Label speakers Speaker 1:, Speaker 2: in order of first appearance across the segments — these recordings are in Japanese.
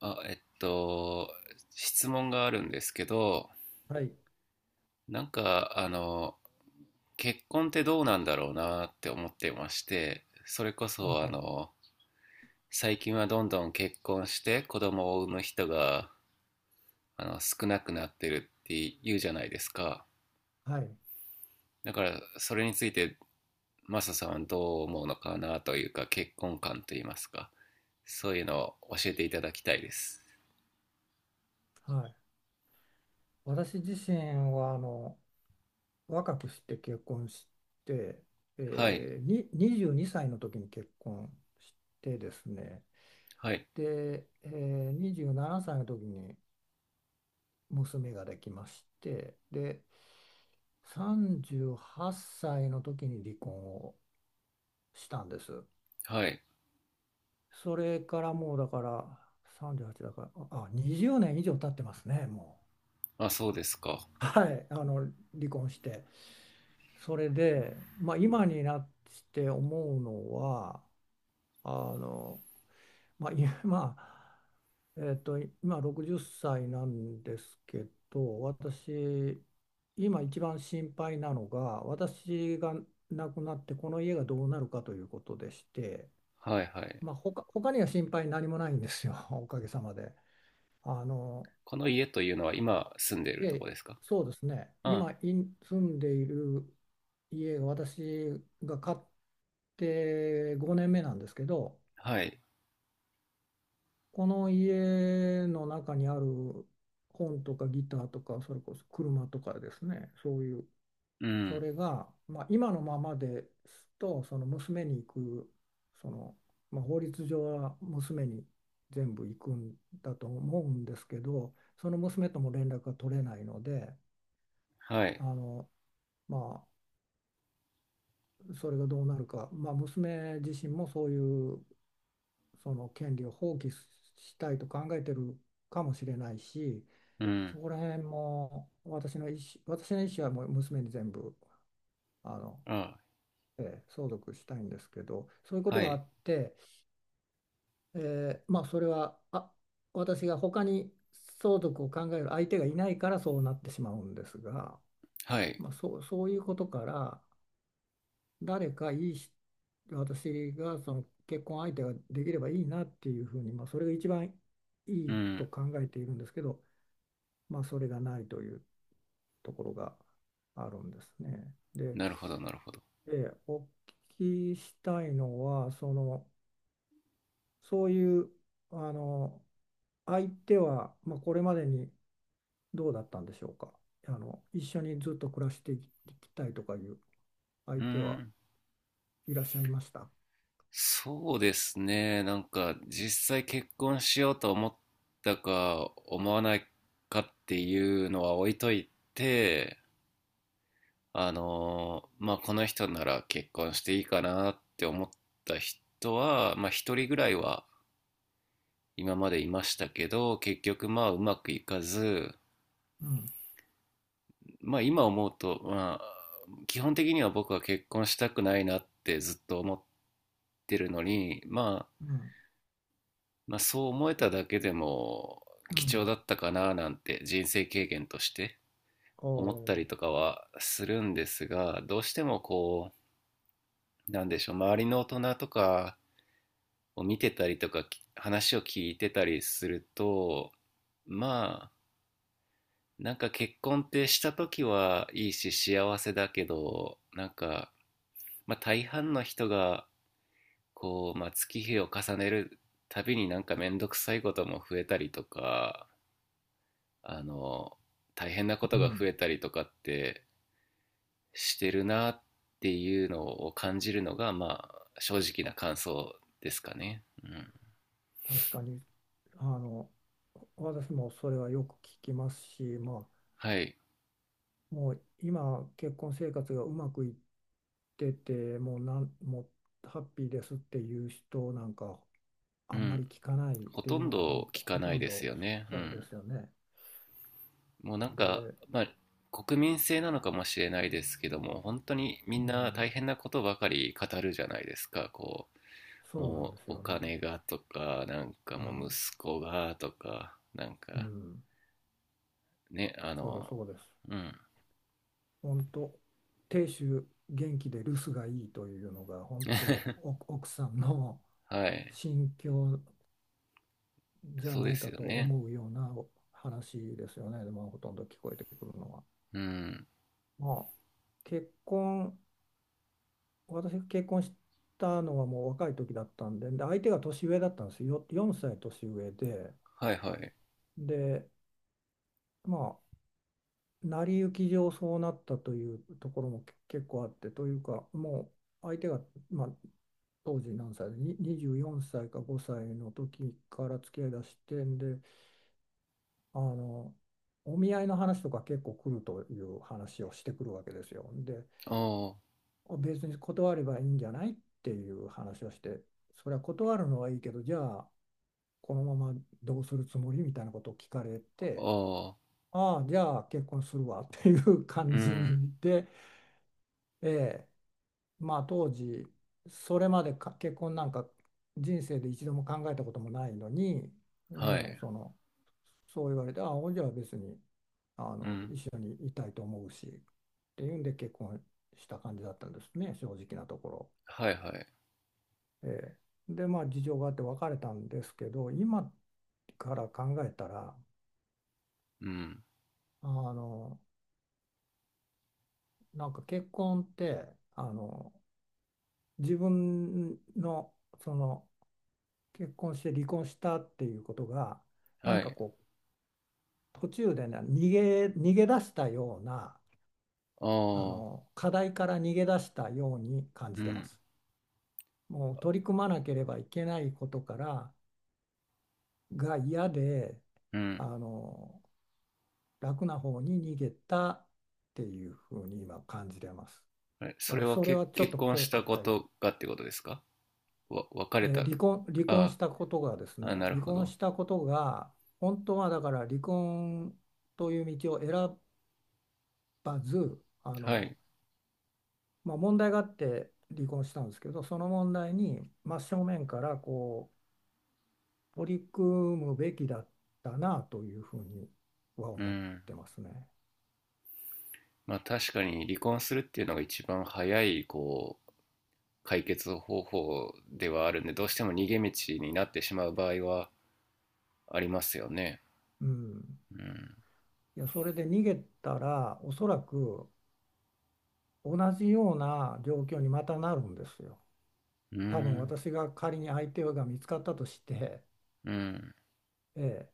Speaker 1: あ、質問があるんですけど、
Speaker 2: はい、
Speaker 1: なんか、結婚ってどうなんだろうなって思ってまして、それこ
Speaker 2: あ、
Speaker 1: そ、
Speaker 2: はい、
Speaker 1: 最近はどんどん結婚して子供を産む人が、少なくなってるって言うじゃないですか。
Speaker 2: はい、
Speaker 1: だから、それについて、マサさんはどう思うのかなというか、結婚観といいますか、そういうのを教えていただきたいです。
Speaker 2: はい。私自身は若くして結婚して、
Speaker 1: はい、
Speaker 2: 22歳の時に結婚してですね、
Speaker 1: はい、
Speaker 2: で、27歳の時に娘ができまして、で、38歳の時に離婚をしたんです。
Speaker 1: はい。
Speaker 2: それからもうだから38だから、あ、20年以上経ってますね、も
Speaker 1: まあ、そうですか。
Speaker 2: う。はい、離婚して。それで、まあ、今になって思うのはあの、まあ、今60歳なんですけど、私今一番心配なのが私が亡くなってこの家がどうなるかということでして、
Speaker 1: はいはい。
Speaker 2: まあ、他には心配何もないんですよ おかげさまで。あの
Speaker 1: この家というのは今住んでいるとこ
Speaker 2: で、
Speaker 1: ですか？
Speaker 2: そうですね、
Speaker 1: あ、
Speaker 2: 今住んでいる家が私が買って5年目なんですけど、
Speaker 1: はい。
Speaker 2: この家の中にある本とかギターとか、それこそ車とかですね、そういう、
Speaker 1: う
Speaker 2: そ
Speaker 1: ん。
Speaker 2: れが、まあ、今のままですと、その娘に行く、その、まあ、法律上は娘に全部行くんだと思うんですけど、その娘とも連絡が取れないので、
Speaker 1: は
Speaker 2: あ
Speaker 1: い。
Speaker 2: の、まあそれがどうなるか、まあ、娘自身もそういうその権利を放棄したいと考えてるかもしれないし、
Speaker 1: うん。
Speaker 2: そこら辺も私の意思はもう娘に全部あの、
Speaker 1: あ、
Speaker 2: 相続したいんですけど、そういうこと
Speaker 1: は
Speaker 2: があ
Speaker 1: い。
Speaker 2: って、まあ、それは私が他に相続を考える相手がいないからそうなってしまうんですが、
Speaker 1: はい。
Speaker 2: まあ、そういうことから、誰かいいし私がその結婚相手ができればいいなっていうふうに、まあ、それが一番い
Speaker 1: う
Speaker 2: い
Speaker 1: ん。
Speaker 2: と考えているんですけど、まあ、それがないというところがあるんですね。で、
Speaker 1: なるほど、なるほど。
Speaker 2: お聞きしたいのは、そういうあの相手は、まあ、これまでにどうだったんでしょうか。一緒にずっと暮らしていきたいとかいう相
Speaker 1: う
Speaker 2: 手は
Speaker 1: ん。
Speaker 2: いらっしゃいました？
Speaker 1: そうですね。なんか、実際結婚しようと思ったか、思わないかっていうのは置いといて、まあ、この人なら結婚していいかなって思った人は、まあ、一人ぐらいは今までいましたけど、結局まあ、うまくいかず、
Speaker 2: うん、
Speaker 1: まあ今思うと、まあ、基本的には僕は結婚したくないなってずっと思ってるのに、ま
Speaker 2: う
Speaker 1: あ、
Speaker 2: ん、
Speaker 1: まあそう思えただけでも
Speaker 2: う
Speaker 1: 貴重
Speaker 2: ん。
Speaker 1: だったかななんて人生経験として
Speaker 2: お
Speaker 1: 思ったりと
Speaker 2: ー
Speaker 1: かはするんですが、どうしてもこう、なんでしょう、周りの大人とかを見てたりとか、話を聞いてたりすると、まあ、なんか結婚ってした時はいいし幸せだけど、なんか、まあ、大半の人がこう、まあ、月日を重ねるたびになんか面倒くさいことも増えたりとか、あの、大変なこ
Speaker 2: う
Speaker 1: とが増
Speaker 2: ん、
Speaker 1: えたりとかってしてるなっていうのを感じるのが、まあ、正直な感想ですかね。うん。
Speaker 2: 確かに、あの、私もそれはよく聞きますし、ま
Speaker 1: はい。
Speaker 2: あ、もう今、結婚生活がうまくいってて、もうハッピーですっていう人なんか、
Speaker 1: う
Speaker 2: あんま
Speaker 1: ん。
Speaker 2: り聞かないっ
Speaker 1: ほ
Speaker 2: て
Speaker 1: と
Speaker 2: いう
Speaker 1: ん
Speaker 2: のがほん
Speaker 1: ど
Speaker 2: と、
Speaker 1: 聞か
Speaker 2: ほ
Speaker 1: な
Speaker 2: と
Speaker 1: い
Speaker 2: ん
Speaker 1: です
Speaker 2: ど
Speaker 1: よね。
Speaker 2: そ、
Speaker 1: う
Speaker 2: そうで
Speaker 1: ん。
Speaker 2: すよね。
Speaker 1: もうなんか、
Speaker 2: で、
Speaker 1: まあ、国民性なのかもしれないですけども、本当にみ
Speaker 2: う
Speaker 1: んな
Speaker 2: ん、
Speaker 1: 大変なことばかり語るじゃないですか。
Speaker 2: そうなん
Speaker 1: も
Speaker 2: です
Speaker 1: うお
Speaker 2: よね。
Speaker 1: 金がとか、なんか
Speaker 2: う
Speaker 1: もう
Speaker 2: ん、
Speaker 1: 息子がとか、なん
Speaker 2: う
Speaker 1: か
Speaker 2: ん、
Speaker 1: ね、
Speaker 2: そう、そうです。
Speaker 1: うん、
Speaker 2: 本当、亭主元気で留守がいいというのが、本当、お奥さんの
Speaker 1: はい、
Speaker 2: 心境じゃ
Speaker 1: そう
Speaker 2: な
Speaker 1: で
Speaker 2: いか
Speaker 1: すよ
Speaker 2: と
Speaker 1: ね。
Speaker 2: 思うような話ですよね、でもほとんど聞こえてくるのは。
Speaker 1: うん、
Speaker 2: まあ、結婚、私が結婚したのはもう若い時だったんで、で相手が年上だったんですよ、4歳年上で、
Speaker 1: はいはい。
Speaker 2: で、まあ、成り行き上そうなったというところも結構あって、というか、もう相手が、まあ、当時何歳で、に24歳か5歳の時から付き合いだしてんで、あのお見合いの話とか結構来るという話をしてくるわけですよ。で、
Speaker 1: あ
Speaker 2: 別に断ればいいんじゃないっていう話をして、それは断るのはいいけど、じゃあこのままどうするつもりみたいなことを聞かれ
Speaker 1: あ、
Speaker 2: て、
Speaker 1: ああ、
Speaker 2: ああ、じゃあ結婚するわっていう感
Speaker 1: う
Speaker 2: じ
Speaker 1: ん、
Speaker 2: にで、ええ、まあ当時、それまでか結婚なんか人生で一度も考えたこともないのに、
Speaker 1: は
Speaker 2: もう
Speaker 1: い、
Speaker 2: そう言われて、ああ、じゃあ別に、
Speaker 1: うん、
Speaker 2: 一緒にいたいと思うしっていうんで結婚した感じだったんですね、正直なところ。
Speaker 1: はいはい、
Speaker 2: ええ、でまあ事情があって別れたんですけど、今から考えたら、
Speaker 1: うん、
Speaker 2: あのなんか結婚って、あの自分のその結婚して離婚したっていうことが、な
Speaker 1: は
Speaker 2: んか
Speaker 1: い、
Speaker 2: こう途中でね、逃げ出したような、
Speaker 1: ああ、
Speaker 2: 課題から逃げ出したように感
Speaker 1: う
Speaker 2: じてま
Speaker 1: ん、
Speaker 2: す。もう取り組まなければいけないことからが嫌で、
Speaker 1: う
Speaker 2: あ
Speaker 1: ん。
Speaker 2: の楽な方に逃げたっていうふうに今感じれます。だ
Speaker 1: そ
Speaker 2: か
Speaker 1: れ
Speaker 2: ら
Speaker 1: は
Speaker 2: それはちょっ
Speaker 1: 結
Speaker 2: と
Speaker 1: 婚
Speaker 2: 後
Speaker 1: した
Speaker 2: 悔、
Speaker 1: こ
Speaker 2: はい。
Speaker 1: とがってことですか？別れた。
Speaker 2: 離
Speaker 1: あー
Speaker 2: 婚し
Speaker 1: あ、
Speaker 2: たことがですね、
Speaker 1: なる
Speaker 2: 離
Speaker 1: ほ
Speaker 2: 婚
Speaker 1: ど。
Speaker 2: したことが本当は。だから離婚という道を選ばず、
Speaker 1: はい、
Speaker 2: まあ、問題があって離婚したんですけど、その問題に真正面からこう取り組むべきだったなというふうには
Speaker 1: う
Speaker 2: 思っ
Speaker 1: ん。
Speaker 2: てますね。
Speaker 1: まあ確かに離婚するっていうのが一番早い、こう、解決方法ではあるんでどうしても逃げ道になってしまう場合はありますよね。
Speaker 2: うん。
Speaker 1: うん、
Speaker 2: いや、それで逃げたら、おそらく同じような状況にまたなるんですよ。
Speaker 1: う
Speaker 2: 多分
Speaker 1: ん、
Speaker 2: 私が仮に相手が見つかったとして、
Speaker 1: うん、
Speaker 2: ええ、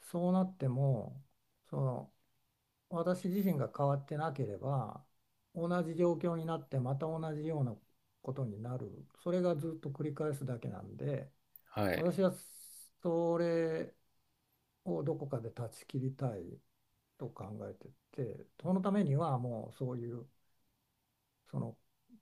Speaker 2: そうなっても、その私自身が変わってなければ、同じ状況になってまた同じようなことになる。それがずっと繰り返すだけなんで、
Speaker 1: はい、
Speaker 2: 私はそれをどこかで断ち切りたいと考えてて、そのためにはもうそういうその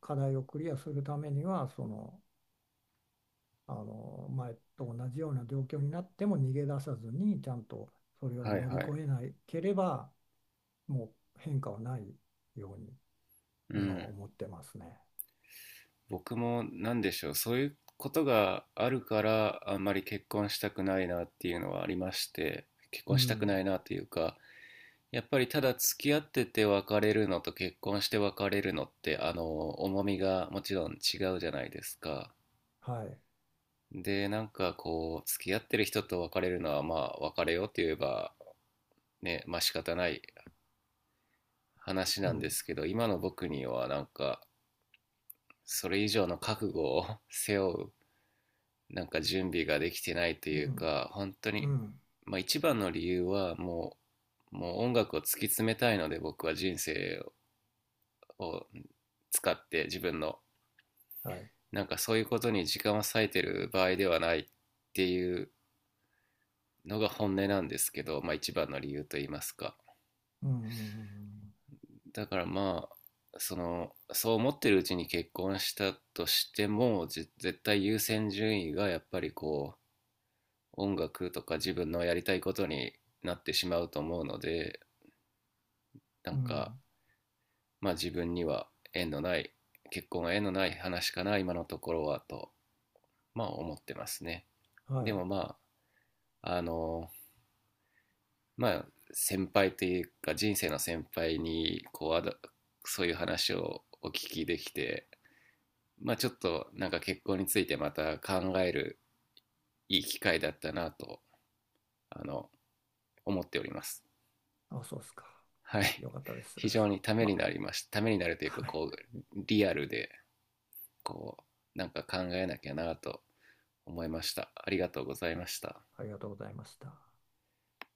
Speaker 2: 課題をクリアするためには、前と同じような状況になっても逃げ出さずに、ちゃんとそれを
Speaker 1: はい、
Speaker 2: 乗り
Speaker 1: はい、
Speaker 2: 越えなければ、もう変化はないように
Speaker 1: う
Speaker 2: 今は
Speaker 1: ん。
Speaker 2: 思ってますね。
Speaker 1: 僕もなんでしょう、そういうことがあるからあんまり結婚したくないなっていうのはありまして、結
Speaker 2: う
Speaker 1: 婚したくな
Speaker 2: ん、
Speaker 1: いなというか、やっぱりただ付き合ってて別れるのと結婚して別れるのってあの重みがもちろん違うじゃないですか。
Speaker 2: はい、
Speaker 1: で、なんかこう、付き合ってる人と別れるのは、まあ、別れようって言えば、ね、まあ仕方ない話
Speaker 2: う
Speaker 1: なんで
Speaker 2: ん、
Speaker 1: すけど、今の僕にはなんか、それ以上の覚悟を 背負う、なんか準備ができてないと
Speaker 2: う
Speaker 1: いう
Speaker 2: ん、
Speaker 1: か、本当
Speaker 2: う
Speaker 1: に、
Speaker 2: ん、
Speaker 1: まあ一番の理由はもう、もう音楽を突き詰めたいので、僕は人生を使って自分の、
Speaker 2: はい、
Speaker 1: なんかそういうことに時間を割いてる場合ではないっていうのが本音なんですけど、まあ一番の理由と言いますか。
Speaker 2: うん、うん、
Speaker 1: だからまあそう思ってるうちに結婚したとしても絶対優先順位がやっぱりこう音楽とか自分のやりたいことになってしまうと思うので、な
Speaker 2: う
Speaker 1: ん
Speaker 2: ん、うん、
Speaker 1: かまあ自分には縁のない、結婚は縁のない話かな今のところはとまあ思ってますね。
Speaker 2: は
Speaker 1: で
Speaker 2: い。
Speaker 1: もまあまあ先輩というか人生の先輩にこうそういう話をお聞きできて、まあちょっとなんか結婚についてまた考えるいい機会だったなとあの思っております。
Speaker 2: あ、そうですか。
Speaker 1: はい。
Speaker 2: よかったです。
Speaker 1: 非常にた めに
Speaker 2: ま
Speaker 1: なりました。ためになるとい
Speaker 2: あ、
Speaker 1: うか
Speaker 2: はい。
Speaker 1: こうリアルでこうなんか考えなきゃなと思いました。ありがとうございました。
Speaker 2: ありがとうございました。